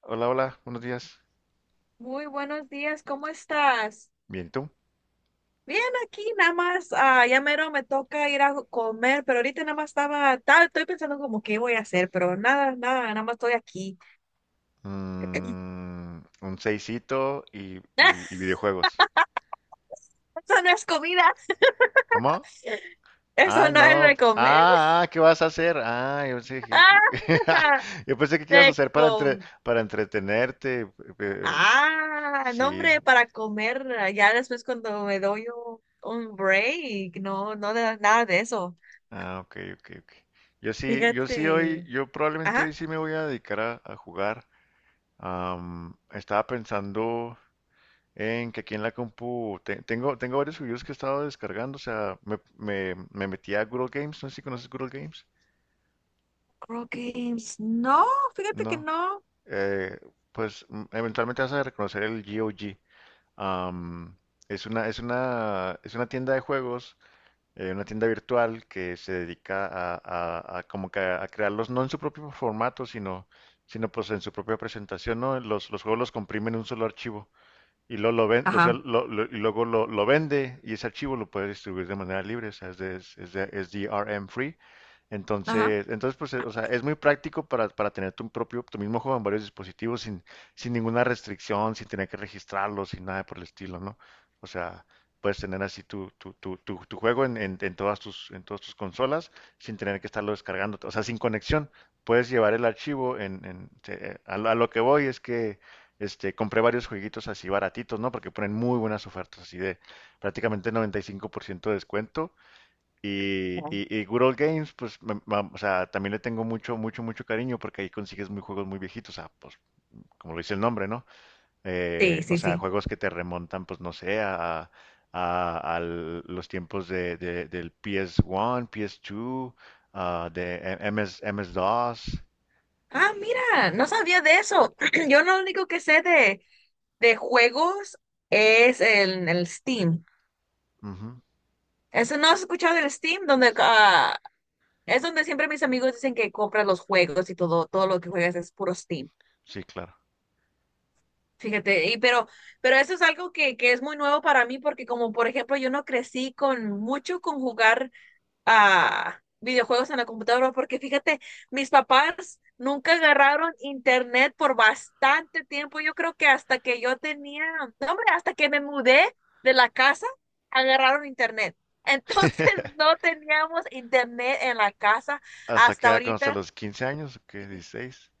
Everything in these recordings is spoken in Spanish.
Hola, hola, buenos días. Muy buenos días, ¿cómo estás? Bien, ¿y tú? Bien, aquí nada más, ya mero me toca ir a comer, pero ahorita nada más estoy pensando como qué voy a hacer, pero nada más estoy aquí. Un seisito y, y- Eso y videojuegos. no es comida, ¿Cómo? eso Ay, no es no. de comer. ¿Qué vas a hacer? Ah, Ah, yo pensé que qué ibas a de hacer com para entretenerte. eh, no Sí. hombre, para comer, ya después cuando me doy un break, no, no de nada de eso. Ah, ok, ok, ok. Fíjate, Yo probablemente hoy ajá, sí me voy a dedicar a jugar. Estaba pensando en que aquí en la compu tengo varios juegos que he estado descargando. O sea, me metí a Google Games. ¿No sé si conoces Google Games? crow games no, fíjate que No, no. eh, pues eventualmente vas a reconocer el GOG. Am, es una tienda de juegos, una tienda virtual que se dedica a como que a crearlos, no en su propio formato, sino, sino pues en su propia presentación, ¿no? Los juegos los comprimen en un solo archivo. Y luego lo, ven- o sea, Ajá, lo- y luego lo vende, y ese archivo lo puede distribuir de manera libre. O sea, es DRM free. ajá. Entonces pues, o sea, es muy práctico para tener tu propio, tu mismo juego en varios dispositivos sin, sin ninguna restricción, sin tener que registrarlo, sin nada por el estilo, ¿no? O sea, puedes tener así tu juego en todas en todas tus consolas sin tener que estarlo descargando, o sea, sin conexión. Puedes llevar el archivo en, a lo que voy es que compré varios jueguitos así baratitos, ¿no? Porque ponen muy buenas ofertas, así de prácticamente 95% de descuento. Y, Ajá. y, y Good Old Games, pues, o sea, también le tengo mucho, mucho, mucho cariño, porque ahí consigues muy juegos muy viejitos. O sea, pues, como lo dice el nombre, ¿no? Sí, O sí, sea, sí. juegos que te remontan, pues, no sé, a los tiempos del PS1, PS2, ah, de MS, MS-DOS. Ah, mira, no sabía de eso. Yo lo único que sé de juegos es el Steam. Ujú. ¿Eso no has escuchado del Steam? Es donde siempre mis amigos dicen que compran los juegos y todo, todo lo que juegas es puro Steam. Sí, claro. Fíjate, y pero eso es algo que es muy nuevo para mí porque como por ejemplo yo no crecí con mucho con jugar a videojuegos en la computadora, porque fíjate, mis papás nunca agarraron internet por bastante tiempo. Yo creo que hasta que yo tenía, no, hombre, hasta que me mudé de la casa, agarraron internet. Entonces no teníamos internet en la casa ¿Hasta qué hasta edad? ¿Conoce a ahorita. los 15 años? ¿O qué? Dieciséis.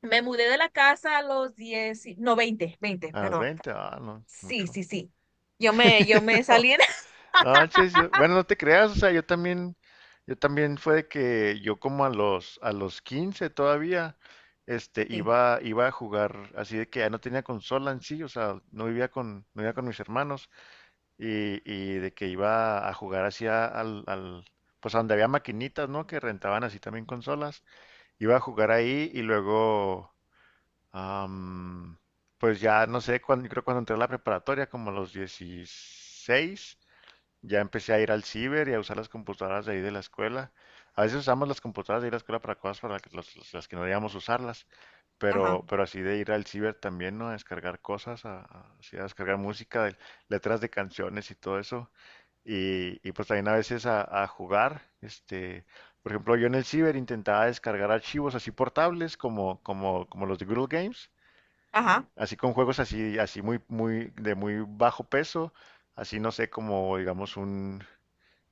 Me mudé de la casa a los no, veinte ¿A los perdón. veinte? Ah, no, Sí, mucho. sí, sí. Yo me No, salí en... no manches, yo- bueno, no te creas. O sea, yo también fue de que yo como a los 15 todavía, Sí, iba, iba a jugar, así de que ya no tenía consola en sí. O sea, no vivía con, no vivía con mis hermanos, y de que iba a jugar así al, pues a donde había maquinitas, ¿no? Que rentaban así también consolas. Iba a jugar ahí y luego... Am, pues ya no sé, cuando, yo creo cuando entré a la preparatoria, como a los 16, ya empecé a ir al ciber y a usar las computadoras de ahí de la escuela. A veces usamos las computadoras de ahí de la escuela para cosas para las que, las que no debíamos usarlas. ajá, Pero así de ir al ciber también, ¿no? A descargar cosas, así a descargar música, letras de canciones y todo eso. Pues también a veces a jugar, por ejemplo, yo en el ciber intentaba descargar archivos así portables como, como los de Google Games. ajá, Así con juegos así, así muy, muy, de muy bajo peso, así no sé, como digamos un,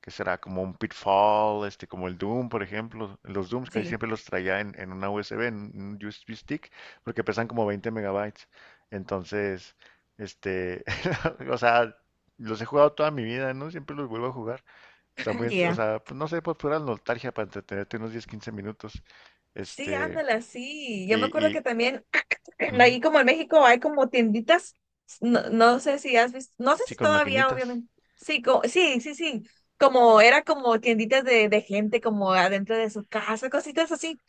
¿qué será? Como un Pitfall, este, como el Doom, por ejemplo. Los Dooms casi sí, siempre los traía en una USB, en un USB stick, porque pesan como 20 megabytes. Entonces, este, o sea, los he jugado toda mi vida, ¿no? Siempre los vuelvo a jugar. Está muy, o yeah. sea, pues no sé, pues pura nostalgia para entretenerte unos 10 15 minutos. Sí, Este, ándala, sí. Yo me y, acuerdo que y también. ujú, Aquí como en México hay como tienditas, no sé si has visto, no sé sí, si con todavía, maquinitas. obviamente. Sí, sí, sí, sí. Como era como tienditas de gente como adentro de su casa, cositas así.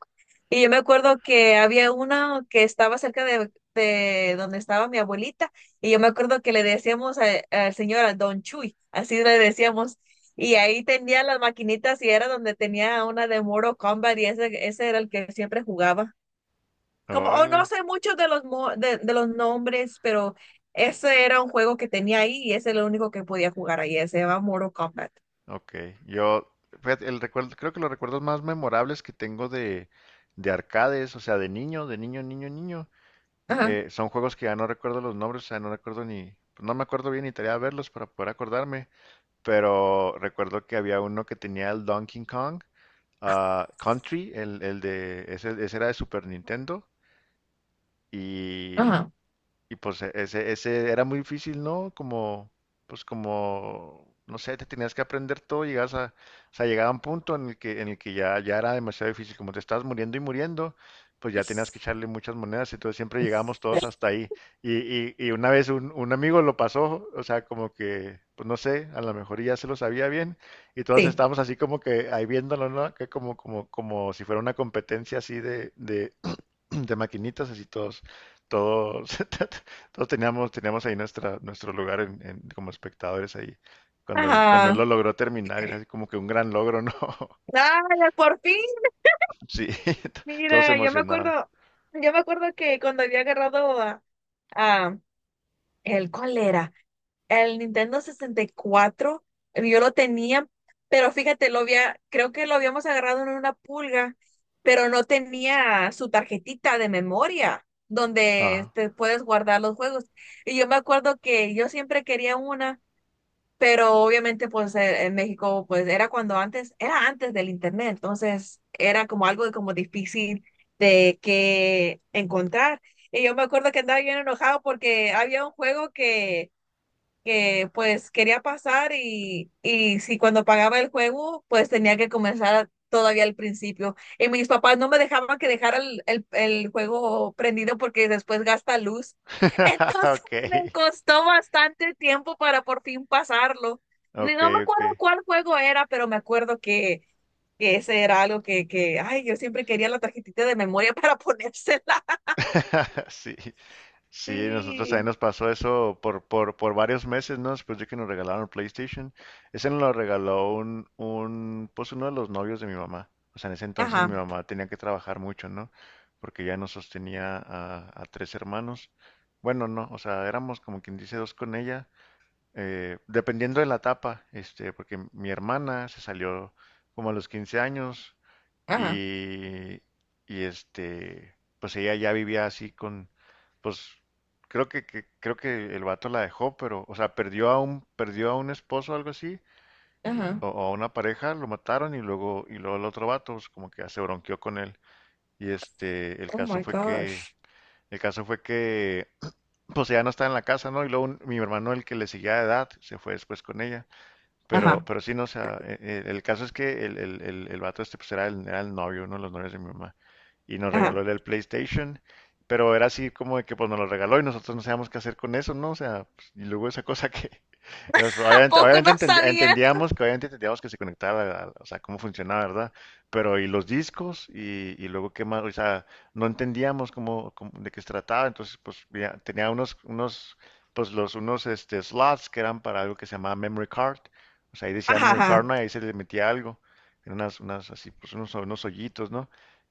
Y yo me acuerdo que había una que estaba cerca de donde estaba mi abuelita, y yo me acuerdo que al señor, al Don Chuy, así le decíamos, y ahí tenía las maquinitas y era donde tenía una de Mortal Kombat y ese era el que siempre jugaba. Como, o Órale. no sé mucho de de los nombres, pero ese era un juego que tenía ahí y ese es lo único que podía jugar ahí. Se llama Mortal Kombat. Ok, yo, fíjate, el recuerdo, creo que los recuerdos más memorables que tengo de arcades, o sea, de niño, de niño, Ajá, son juegos que ya no recuerdo los nombres. O sea, no recuerdo ni, pues, no me acuerdo bien ni tarea de verlos para poder acordarme, pero recuerdo que había uno que tenía el Donkey Kong, ah, Country, ese era de Super Nintendo. ajá, Y pues ese, ese era muy difícil, ¿no? Como, pues como, no sé, te tenías que aprender todo. Llegabas a, o sea, llegaba un punto en el que, ya era demasiado difícil, como te estabas muriendo y muriendo, pues ya tenías que echarle muchas monedas. Entonces siempre llegábamos todos hasta ahí. Y una vez un amigo lo pasó. O sea, como que, pues no sé, a lo mejor ya se lo sabía bien, y todos sí. estábamos así como que ahí viéndolo, ¿no? Que como si fuera una competencia así de maquinitas. Así todos, todos, todos teníamos, teníamos ahí nuestra, nuestro lugar como espectadores ahí. Cuando él Ajá. lo logró terminar, era así como que un gran logro, ¿no? ¡Ay, por fin! Sí, todos Mira, emocionados. Yo me acuerdo que cuando había agarrado a, ¿el cuál era? El Nintendo 64, yo lo tenía, pero fíjate, lo había, creo que lo habíamos agarrado en una pulga, pero no tenía su tarjetita de memoria donde Ajá. te puedes guardar los juegos. Y yo me acuerdo que yo siempre quería una, pero obviamente pues en México pues era cuando antes, era antes del internet, entonces era como algo de como difícil de que encontrar. Y yo me acuerdo que andaba bien enojado porque había un juego que pues quería pasar, y, si cuando pagaba el juego, pues tenía que comenzar todavía al principio. Y mis papás no me dejaban que dejara el juego prendido porque después gasta luz. Entonces Ok, me costó bastante tiempo para por fin pasarlo. Ni- ok, no me acuerdo ok. cuál juego era, pero me acuerdo que ese era algo que, ay, yo siempre quería la tarjetita de memoria para ponérsela. Sí. Sí, nosotros también Sí. nos pasó eso por varios meses, ¿no? Después de que nos regalaron el PlayStation. Ese nos lo regaló pues uno de los novios de mi mamá. O sea, en ese entonces mi Ajá, mamá tenía que trabajar mucho, ¿no? Porque ya nos sostenía a tres hermanos. Bueno, no, o sea, éramos como quien dice dos con ella, dependiendo de la etapa, porque mi hermana se salió como a los 15 años, ajá, y, este, pues ella ya vivía así con, pues creo que, creo que el vato la dejó. Pero, o sea, perdió a un esposo o algo así, ajá. O a una pareja, lo mataron. Y luego, y luego el otro vato, pues como que ya se bronqueó con él. Y este, Oh my gosh. el caso fue que pues ella no estaba en la casa, ¿no? Y luego mi hermano, el que le seguía de edad, se fue después con ella. Ajá. Pero sí, no, o sea, el caso es que el vato este pues era el novio, uno de los novios de mi mamá. Y nos regaló Ajá. el PlayStation, pero era así como de que pues nos lo regaló y nosotros no sabíamos qué hacer con eso, ¿no? O sea, pues, y luego esa cosa que, es, obviamente, Poco no sabían. entendíamos que obviamente entendíamos que se conectaba, o sea, cómo funcionaba, ¿verdad? Pero y los discos y luego qué más, o sea, no entendíamos de qué se trataba. Entonces pues ya tenía unos pues los unos este slots que eran para algo que se llamaba memory card. O sea, ahí decía Ajá, memory card, ajá, ¿no? Y ahí se le metía algo. Eran unas, unas así, pues unos, unos hoyitos, ¿no?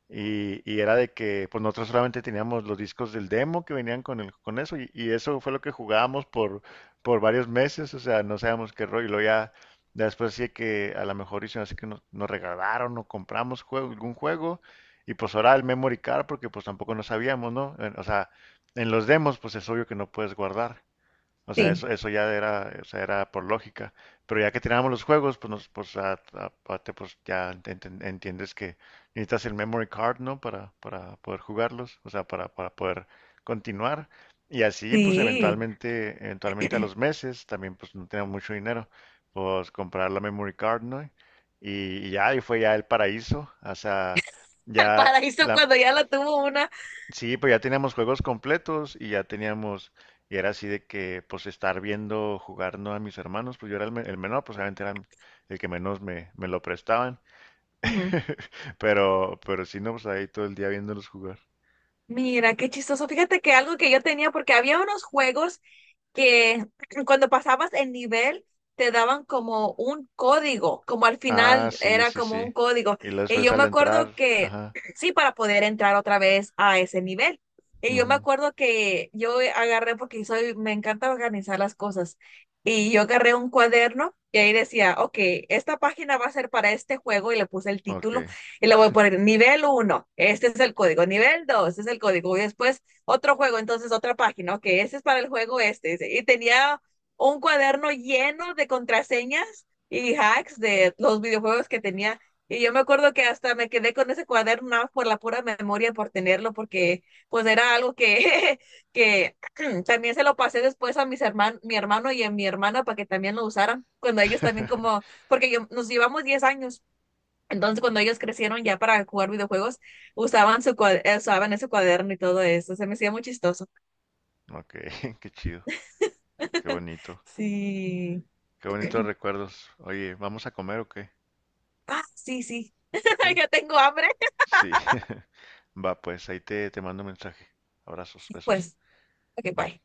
Y era de que pues nosotros solamente teníamos los discos del demo que venían con el, con eso. Y eso fue lo que jugábamos por varios meses. O sea, no sabíamos qué rollo. Y luego ya, ya después sí que a lo mejor hicieron así que nos regalaron o compramos juego, algún juego, y pues ahora el memory card, porque pues tampoco no sabíamos, ¿no? O sea, en los demos, pues es obvio que no puedes guardar. O sea, sí, eso ya era, o sea, era por lógica. Pero ya que tirábamos los juegos, pues, nos, pues, aparte, pues ya entiendes que necesitas el memory card, ¿no? Para poder jugarlos, o sea, para poder continuar. Y así, pues sí. Eventualmente a los meses, también pues no teníamos mucho dinero, pues comprar la memory card, ¿no? Y, ya, y fue ya el paraíso. O sea, Al ya paraíso la, cuando ya lo tuvo una. sí, pues ya teníamos juegos completos y ya teníamos, y era así de que, pues estar viendo jugar, ¿no?, a mis hermanos. Pues yo era el, el menor, pues obviamente era el que menos me lo prestaban. Ujú. Pero sí, no, pues ahí todo el día viéndolos jugar. Mira, qué chistoso. Fíjate que algo que yo tenía, porque había unos juegos que cuando pasabas el nivel te daban como un código, como al Ah, final sí, era sí, como sí. un código. Y luego Y después yo me al acuerdo entrar, que, ajá, sí, para poder entrar otra vez a ese nivel. Y yo me ujú, acuerdo que yo agarré, porque soy, me encanta organizar las cosas, y yo agarré un cuaderno y ahí decía, ok, esta página va a ser para este juego y le puse el ok, título, y le voy a poner nivel uno este es el código, nivel 2 este es el código, y después otro juego, entonces otra página, ok, este es para el juego este, y tenía un cuaderno lleno de contraseñas y hacks de los videojuegos que tenía. Y yo me acuerdo que hasta me quedé con ese cuaderno nada más por la pura memoria, por tenerlo, porque pues era algo que, que también se lo pasé después a mis hermanos, mi hermano y a mi hermana para que también lo usaran, cuando ellos también como, porque yo, nos llevamos 10 años. Entonces, cuando ellos crecieron ya para jugar videojuegos, usaban ese cuaderno y todo eso. Se me hacía muy chistoso. ok, qué chido, qué bonito, Sí. qué bonitos recuerdos. Oye, ¿vamos a comer o qué? Ah, sí, sí. Ok. Ya tengo hambre. Sí. Va, pues ahí te mando un mensaje. Abrazos, besos. Pues, ok, Bye. bye.